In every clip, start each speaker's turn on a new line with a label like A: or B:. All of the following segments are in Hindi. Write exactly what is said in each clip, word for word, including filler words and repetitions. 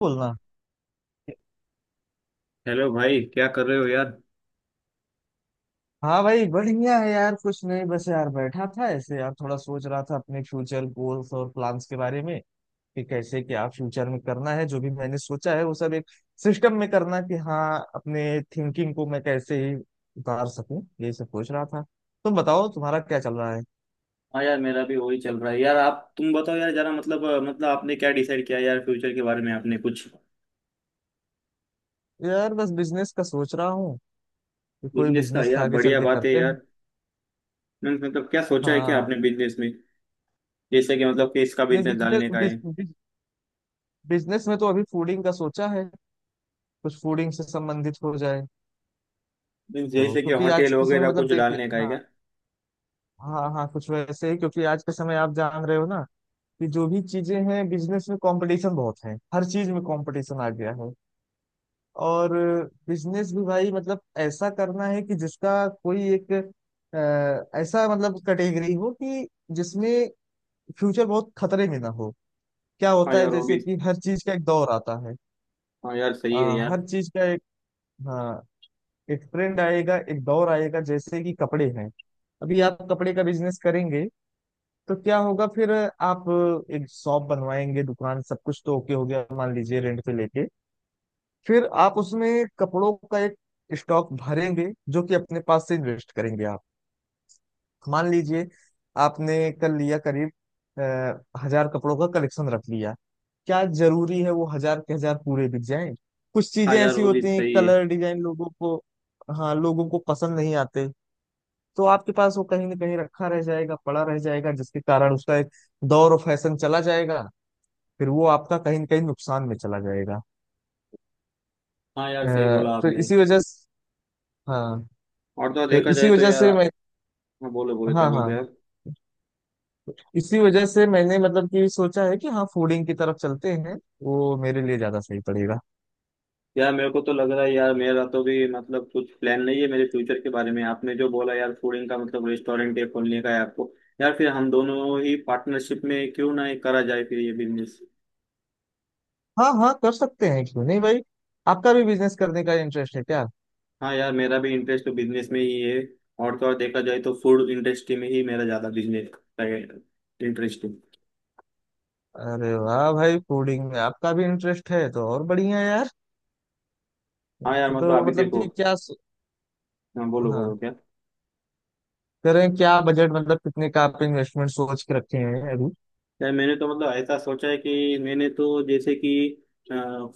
A: बोलना।
B: हेलो भाई, क्या कर रहे हो यार?
A: हाँ भाई, बढ़िया है यार। कुछ नहीं, बस यार बैठा था ऐसे, यार थोड़ा सोच रहा था अपने फ्यूचर गोल्स और प्लान्स के बारे में कि कैसे क्या फ्यूचर में करना है। जो भी मैंने सोचा है वो सब एक सिस्टम में करना, कि हाँ, अपने थिंकिंग को मैं कैसे ही उतार सकूं, ये सब सोच रहा था। तुम बताओ, तुम्हारा क्या चल रहा है।
B: हाँ यार, मेरा भी वही चल रहा है यार। आप तुम बताओ यार, जरा मतलब अ, मतलब आपने क्या डिसाइड किया यार फ्यूचर के बारे में? आपने कुछ
A: यार बस बिजनेस का सोच रहा हूँ कि कोई
B: बिजनेस का?
A: बिजनेस
B: यार
A: आगे चल
B: बढ़िया
A: के
B: बात है
A: करते हैं।
B: यार। मीन्स मतलब क्या सोचा है क्या
A: हाँ।
B: आपने बिजनेस में? जैसे कि मतलब कि इसका
A: नहीं,
B: बिजनेस डालने का है?
A: बिजनेस, बिजनेस में तो अभी फूडिंग का सोचा है, कुछ फूडिंग से संबंधित हो जाए।
B: मीन्स
A: तो
B: जैसे कि
A: क्योंकि आज
B: होटल
A: के समय,
B: वगैरह
A: मतलब
B: कुछ
A: देखिए,
B: डालने का है
A: हाँ,
B: क्या?
A: हाँ, हाँ, कुछ वैसे ही, क्योंकि आज के समय आप जान रहे हो ना कि जो भी चीजें हैं बिजनेस में, कंपटीशन बहुत है, हर चीज में कंपटीशन आ गया है। और बिजनेस भी भाई मतलब ऐसा करना है कि जिसका कोई एक अ, ऐसा मतलब कैटेगरी हो कि जिसमें फ्यूचर बहुत खतरे में ना हो। क्या
B: हाँ
A: होता है,
B: यार वो
A: जैसे
B: भी।
A: कि हर चीज का एक दौर आता है।
B: हाँ यार
A: अ,
B: सही है यार।
A: हर चीज का एक, हाँ, एक ट्रेंड आएगा, एक दौर आएगा। जैसे कि कपड़े हैं, अभी आप कपड़े का बिजनेस करेंगे तो क्या होगा। फिर आप एक शॉप बनवाएंगे, दुकान सब कुछ तो ओके हो गया, मान लीजिए रेंट पे लेके। फिर आप उसमें कपड़ों का एक स्टॉक भरेंगे, जो कि अपने पास से इन्वेस्ट करेंगे आप। मान लीजिए आपने कल लिया करीब अ, हजार कपड़ों का कलेक्शन रख लिया। क्या जरूरी है वो हजार के हजार पूरे बिक जाएं। कुछ
B: हाँ
A: चीजें
B: यार
A: ऐसी
B: वो भी
A: होती हैं,
B: सही है।
A: कलर डिजाइन लोगों को, हाँ, लोगों को पसंद नहीं आते। तो आपके पास वो कहीं ना कहीं रखा रह जाएगा, पड़ा रह जाएगा, जिसके कारण उसका एक दौर और फैशन चला जाएगा। फिर वो आपका कहीं ना कहीं नुकसान में चला जाएगा।
B: हाँ
A: अ,
B: यार सही बोला
A: तो
B: आपने।
A: इसी वजह से, हाँ,
B: और तो और
A: तो
B: देखा
A: इसी
B: जाए तो
A: वजह
B: यार।
A: से मैं,
B: हाँ बोलो बोलो,
A: हाँ
B: क्या
A: हाँ,
B: बोलते हैं यार।
A: तो इसी वजह से मैंने मतलब कि सोचा है कि हाँ, फूडिंग की तरफ चलते हैं, वो मेरे लिए ज्यादा सही पड़ेगा।
B: यार मेरे को तो लग रहा है यार, मेरा तो भी मतलब कुछ प्लान नहीं है मेरे फ्यूचर के बारे में। आपने जो बोला यार फूडिंग का, मतलब रेस्टोरेंट है खोलने का है आपको? यार फिर हम दोनों ही पार्टनरशिप में क्यों ना ये करा जाए फिर ये बिजनेस।
A: हाँ हाँ, कर सकते हैं, क्यों नहीं भाई। आपका भी बिजनेस करने का इंटरेस्ट है क्या।
B: हाँ यार मेरा भी इंटरेस्ट तो बिजनेस में ही है। और तो और देखा जाए तो फूड इंडस्ट्री में ही मेरा ज्यादा बिजनेस का इंटरेस्ट है।
A: अरे वाह भाई, फूडिंग में आपका भी इंटरेस्ट है, तो और बढ़िया यार।
B: हाँ यार
A: तो,
B: मतलब
A: तो
B: अभी
A: मतलब
B: देखो।
A: कि क्या स...
B: हाँ बोलो बोलो
A: हाँ,
B: क्या।
A: करें क्या, बजट मतलब कितने का आप इन्वेस्टमेंट सोच के रखे हैं अभी।
B: यार मैंने तो मतलब ऐसा सोचा है कि मैंने तो जैसे कि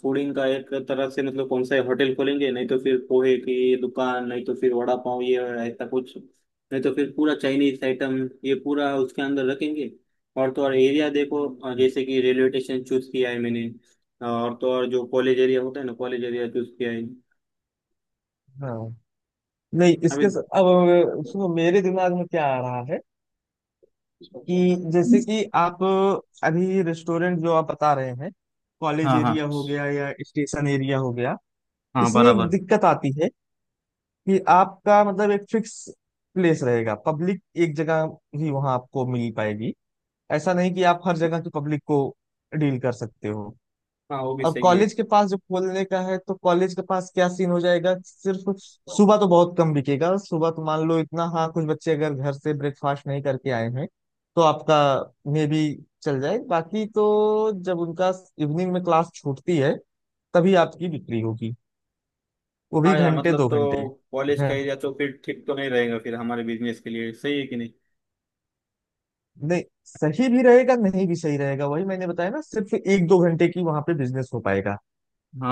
B: फूडिंग का एक तरह से, मतलब कौन सा होटल खोलेंगे, नहीं तो फिर पोहे की दुकान, नहीं तो फिर वड़ा पाव, ये ऐसा कुछ, नहीं तो फिर पूरा चाइनीज आइटम ये पूरा उसके अंदर रखेंगे। और तो और एरिया देखो, अ, जैसे कि रेलवे स्टेशन चूज किया है मैंने। और तो और जो कॉलेज एरिया होता है ना, कॉलेज एरिया चूज किया है।
A: हाँ, नहीं, इसके
B: अभी
A: स- अब, अ, सुनो, मेरे दिमाग में क्या आ रहा है कि जैसे कि आप अ, अभी रेस्टोरेंट जो आप बता रहे हैं, कॉलेज
B: हाँ हाँ।
A: एरिया हो गया या स्टेशन एरिया हो गया,
B: हाँ
A: इसमें एक
B: बराबर।
A: दिक्कत आती है कि आपका मतलब एक फिक्स प्लेस रहेगा, पब्लिक एक जगह ही वहां आपको मिल पाएगी। ऐसा नहीं कि आप हर जगह की पब्लिक को डील कर सकते हो।
B: हाँ वो भी
A: और
B: सही
A: कॉलेज के पास जो खोलने का है, तो कॉलेज के पास क्या सीन हो जाएगा, सिर्फ
B: है।
A: सुबह तो बहुत कम बिकेगा। सुबह तो मान लो इतना, हाँ, कुछ बच्चे अगर घर से ब्रेकफास्ट नहीं करके आए हैं तो आपका मे बी चल जाए, बाकी तो जब उनका इवनिंग में क्लास छूटती है तभी आपकी बिक्री होगी, वो भी
B: हाँ यार
A: घंटे
B: मतलब
A: दो
B: तो
A: घंटे।
B: कॉलेज का
A: घं-
B: एरिया तो फिर ठीक तो नहीं रहेगा फिर, हमारे बिजनेस के लिए सही है कि नहीं?
A: नहीं, सही भी रहेगा, नहीं भी सही रहेगा। वही मैंने बताया ना, सिर्फ एक दो घंटे की वहां पे बिजनेस हो पाएगा।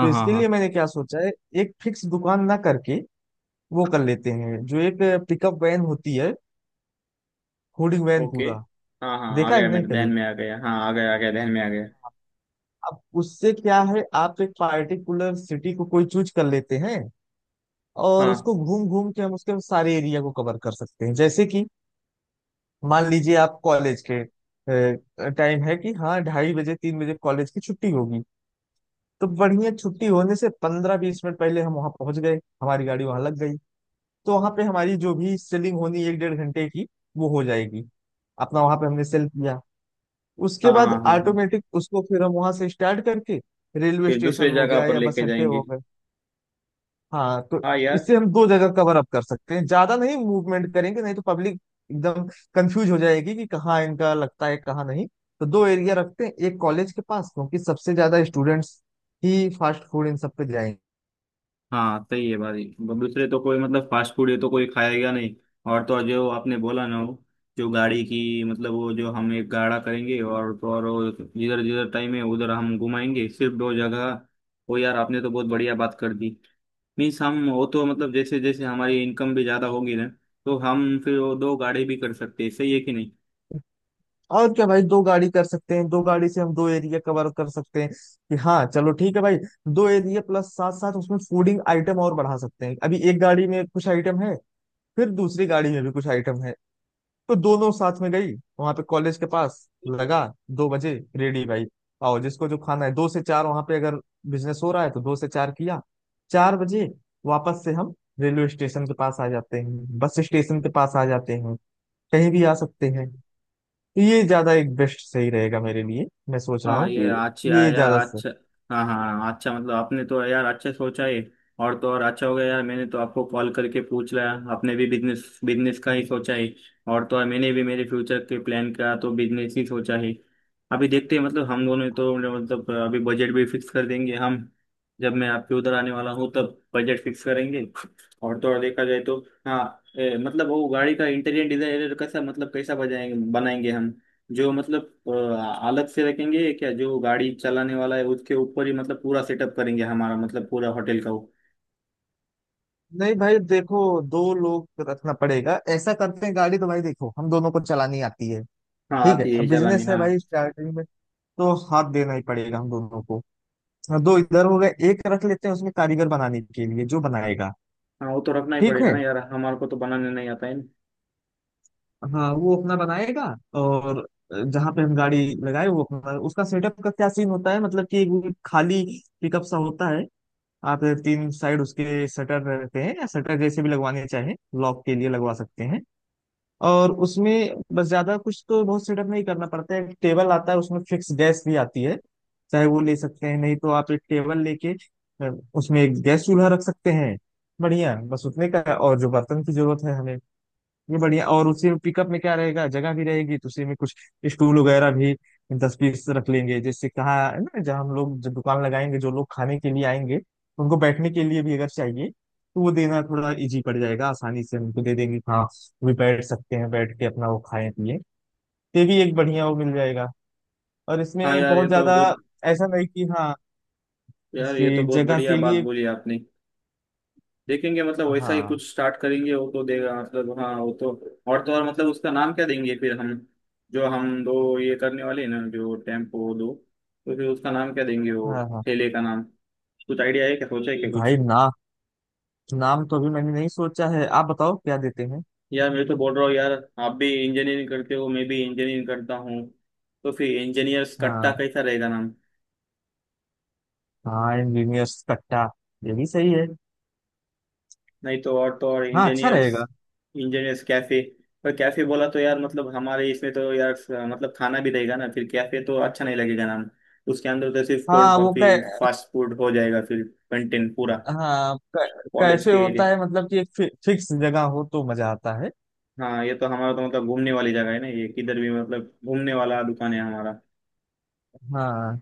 A: तो
B: हाँ
A: इसके
B: हाँ।
A: लिए मैंने क्या सोचा है, एक फिक्स दुकान ना करके वो कर लेते हैं जो एक पिकअप वैन होती है, फूडिंग वैन
B: ओके।
A: पूरा।
B: हाँ हाँ, आ
A: देखा है
B: गया
A: कि
B: मेरे
A: नहीं
B: ध्यान
A: कभी।
B: में, आ गया, हाँ आ गया, आ गया ध्यान में आ गया।
A: अब उससे क्या है, आप एक पार्टिकुलर सिटी को कोई चूज कर लेते हैं और
B: हाँ
A: उसको घूम घूम के हम उसके सारे एरिया को कवर कर सकते हैं। जैसे कि मान लीजिए आप कॉलेज के टाइम है कि हाँ, ढाई बजे तीन बजे कॉलेज की छुट्टी होगी, तो बढ़िया, छुट्टी होने से पंद्रह बीस मिनट पहले हम वहां पहुंच गए, हमारी गाड़ी वहां लग गई। तो वहां पे हमारी जो भी सेलिंग होनी, एक डेढ़ घंटे की, वो हो जाएगी। अपना वहां पे हमने सेल किया, उसके
B: हाँ
A: बाद
B: हाँ हाँ। हाँ,
A: ऑटोमेटिक उसको फिर हम वहां से स्टार्ट करके रेलवे
B: फिर
A: स्टेशन
B: दूसरे
A: हो
B: जगह
A: गया
B: पर
A: या बस
B: लेके
A: अड्डे
B: जाएंगे।
A: हो गए। हाँ, तो
B: हाँ यार।
A: इससे हम दो जगह कवर अप कर सकते हैं, ज्यादा नहीं मूवमेंट करेंगे, नहीं तो पब्लिक एकदम कंफ्यूज हो जाएगी कि कहाँ इनका लगता है कहाँ नहीं। तो दो एरिया रखते हैं, एक कॉलेज के पास, क्योंकि सबसे ज्यादा स्टूडेंट्स ही फास्ट फूड इन सब पे जाएंगे।
B: हाँ सही है भाई। ब- दूसरे तो कोई, मतलब फास्ट फूड है तो कोई खाएगा नहीं। और तो और जो आपने बोला ना वो, जो गाड़ी की मतलब, वो जो हम एक गाड़ा करेंगे, और तो और वो जिधर जिधर टाइम है उधर हम घुमाएंगे सिर्फ दो जगह। वो यार आपने तो बहुत बढ़िया बात कर दी। मीन्स हम वो तो मतलब जैसे जैसे हमारी इनकम भी ज्यादा होगी ना, तो हम फिर वो दो गाड़ी भी कर सकते हैं, सही है कि नहीं?
A: और क्या भाई, दो गाड़ी कर सकते हैं, दो गाड़ी से हम दो एरिया कवर कर सकते हैं। कि हाँ चलो ठीक है भाई, दो एरिया प्लस साथ साथ उसमें फूडिंग आइटम और बढ़ा सकते हैं। अभी एक गाड़ी में कुछ आइटम है, फिर दूसरी गाड़ी में भी कुछ आइटम है, तो दोनों साथ में गई। वहां पे कॉलेज के पास लगा, दो बजे रेडी भाई, आओ जिसको जो खाना है। दो से चार वहां पे अगर बिजनेस हो रहा है तो दो से चार किया, चार बजे वापस से हम रेलवे स्टेशन के पास आ जाते हैं, बस स्टेशन के पास आ जाते हैं, कहीं भी आ सकते हैं। तो ये ज्यादा एक बेस्ट सही रहेगा मेरे लिए, मैं सोच रहा
B: हाँ
A: हूँ
B: ये
A: कि
B: अच्छा
A: ये
B: है यार,
A: ज्यादा सही।
B: अच्छा। हाँ हाँ हाँ, अच्छा मतलब आपने तो यार अच्छे सोचा है। और तो और अच्छा हो गया यार, मैंने तो आपको कॉल करके पूछ लिया, आपने भी बिजनेस बिजनेस का ही सोचा है। और तो और मैंने भी मेरे फ्यूचर के प्लान का तो बिजनेस ही सोचा है। अभी देखते हैं मतलब हम दोनों तो मतलब अभी बजट भी फिक्स कर देंगे हम, जब मैं आपके उधर आने वाला हूँ तब बजट फिक्स करेंगे। और तो और देखा जाए तो हाँ ए, मतलब वो गाड़ी का इंटीरियर डिजाइन कैसा, मतलब कैसा बजाएंगे बनाएंगे हम? जो मतलब अ, अलग से रखेंगे क्या, जो गाड़ी चलाने वाला है उसके ऊपर ही मतलब पूरा सेटअप करेंगे हमारा, मतलब पूरा होटल का वो।
A: नहीं भाई देखो, दो लोग रखना पड़ेगा। ऐसा करते हैं, गाड़ी तो भाई देखो हम दोनों को चलानी आती है।
B: हाँ
A: ठीक है,
B: आती है
A: अब
B: चलाने
A: बिजनेस है
B: हाँ।
A: भाई, स्टार्टिंग में तो हाथ देना ही पड़ेगा हम दोनों को। हाँ, दो इधर हो गए, एक रख लेते हैं उसमें कारीगर, बनाने के लिए, जो बनाएगा।
B: हाँ वो तो रखना ही
A: ठीक
B: पड़ेगा
A: है,
B: ना यार, हमारे को तो बनाने नहीं आता है ना।
A: हाँ, वो अपना बनाएगा। और जहां पे हम गाड़ी लगाए, वो अपना उसका सेटअप का क्या सीन होता है, मतलब कि वो खाली पिकअप सा होता है। आप तीन साइड उसके शटर रहते हैं, या शटर जैसे भी लगवाने चाहें, लॉक के लिए लगवा सकते हैं। और उसमें बस ज्यादा कुछ तो बहुत सेटअप नहीं करना पड़ता है। एक टेबल आता है, उसमें फिक्स गैस भी आती है, चाहे वो ले सकते हैं, नहीं तो आप एक टेबल लेके अ, उसमें एक गैस चूल्हा रख सकते हैं। बढ़िया, बस उतने का, और जो बर्तन की जरूरत है हमें, ये बढ़िया। और उसी में पिकअप में क्या रहेगा, जगह भी रहेगी, तो उसी में कुछ स्टूल वगैरह भी दस पीस रख लेंगे। जैसे कहाँ है ना, जहाँ हम लोग जब दुकान लगाएंगे, जो लोग खाने के लिए आएंगे तो उनको बैठने के लिए भी अगर चाहिए तो वो देना थोड़ा इजी पड़ जाएगा, आसानी से उनको दे देंगे, हाँ वो भी बैठ सकते हैं, बैठ के अपना वो खाएं पिए। ये भी एक बढ़िया वो मिल जाएगा। और
B: हाँ
A: इसमें
B: यार
A: बहुत
B: ये तो
A: ज्यादा,
B: बहुत,
A: ऐसा नहीं कि हाँ
B: यार ये तो
A: इसकी
B: बहुत
A: जगह
B: बढ़िया
A: के
B: बात
A: लिए,
B: बोली आपने। देखेंगे मतलब वैसा ही
A: हाँ
B: कुछ स्टार्ट करेंगे, वो तो देगा मतलब, हाँ वो तो। और तो और मतलब उसका नाम क्या देंगे फिर हम, जो हम दो ये करने वाले हैं ना, जो टेम्पो दो, तो फिर उसका नाम क्या देंगे वो,
A: हाँ हाँ।
B: ठेले का नाम? कुछ आइडिया है क्या, सोचा है क्या कुछ?
A: भाई ना, नाम तो अभी मैंने नहीं सोचा है, आप बताओ क्या देते हैं।
B: यार मैं तो बोल रहा हूँ यार, आप भी इंजीनियरिंग करते हो, मैं भी इंजीनियरिंग करता हूँ, तो फिर इंजीनियर्स कट्टा
A: हाँ,
B: कैसा रहेगा नाम?
A: हाँ इंजीनियर्स कट्टा, ये भी सही है।
B: नहीं तो और तो और
A: हाँ, अच्छा
B: इंजीनियर्स,
A: रहेगा।
B: Engineers cafe. पर कैफे बोला तो यार, मतलब हमारे इसमें तो यार मतलब खाना भी रहेगा ना, फिर कैफे तो अच्छा नहीं लगेगा नाम। उसके अंदर तो सिर्फ कोल्ड
A: हाँ वो कै
B: कॉफी फास्ट फूड हो जाएगा फिर कंटेंट पूरा,
A: हाँ, कै,
B: कॉलेज
A: कैफे
B: के एरिया।
A: होता है मतलब कि एक फि, फिक्स जगह हो तो मजा आता है।
B: हाँ ये तो हमारा तो मतलब घूमने वाली जगह है ना ये, किधर भी मतलब घूमने वाला दुकान है हमारा।
A: हाँ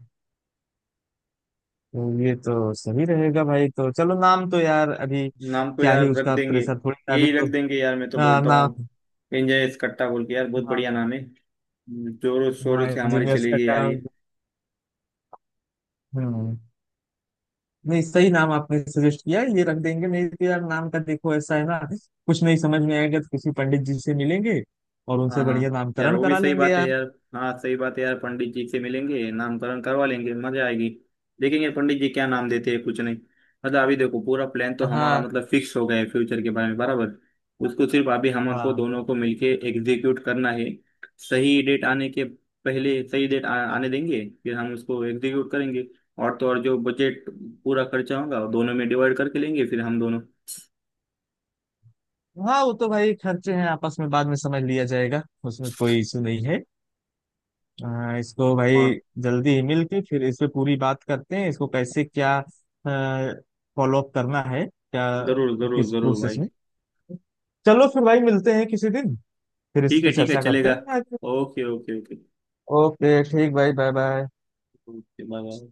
A: तो ये तो सही रहेगा भाई, तो चलो नाम तो यार अभी
B: नाम को
A: क्या ही
B: यार रख
A: उसका
B: देंगे।
A: प्रेशर, थोड़ी सा अभी
B: यही
A: तो।
B: रख देंगे यार, मैं तो
A: हाँ,
B: बोलता हूँ
A: नाम,
B: एंजॉय कट्टा बोल के, यार बहुत बढ़िया
A: हाँ
B: नाम है, जोरों शोरों
A: हाँ
B: से हमारी
A: इंजीनियर्स
B: चलेगी
A: कट्टा।
B: यार ये।
A: हम्म, नहीं सही नाम आपने सजेस्ट किया, ये रख देंगे, नहीं तो यार नाम का देखो ऐसा है ना, कुछ नहीं समझ में आएगा तो किसी पंडित जी से मिलेंगे और
B: हाँ
A: उनसे बढ़िया
B: हाँ यार
A: नामकरण
B: वो भी
A: करा
B: सही
A: लेंगे
B: बात है
A: यार।
B: यार। हाँ सही बात है यार, पंडित जी से मिलेंगे, नामकरण करवा लेंगे, मजा आएगी। देखेंगे पंडित जी क्या नाम देते हैं। कुछ नहीं मतलब अभी देखो, पूरा प्लान तो हमारा
A: हाँ
B: मतलब फिक्स हो गया है फ्यूचर के बारे में, बराबर। उसको सिर्फ अभी हमारे
A: हाँ,
B: दोनों को मिलके एग्जीक्यूट करना है। सही डेट आने के पहले, सही डेट आ, आने देंगे, फिर हम उसको एग्जीक्यूट करेंगे। और तो और जो बजट पूरा खर्चा होगा वो दोनों में डिवाइड करके लेंगे फिर हम दोनों।
A: हाँ वो तो भाई खर्चे हैं, आपस में बाद में समझ लिया जाएगा, उसमें कोई इशू नहीं है। आ, इसको भाई
B: और
A: जल्दी ही मिल के फिर इस पे पूरी बात करते हैं, इसको कैसे क्या फॉलो अप करना है क्या,
B: जरूर जरूर
A: किस
B: जरूर
A: प्रोसेस
B: भाई।
A: में। चलो फिर भाई, मिलते हैं किसी दिन, फिर इस
B: ठीक
A: पे
B: है ठीक है
A: चर्चा करते
B: चलेगा।
A: हैं।
B: Okay okay okay.
A: ओके, ठीक भाई, bye bye.
B: Get my love.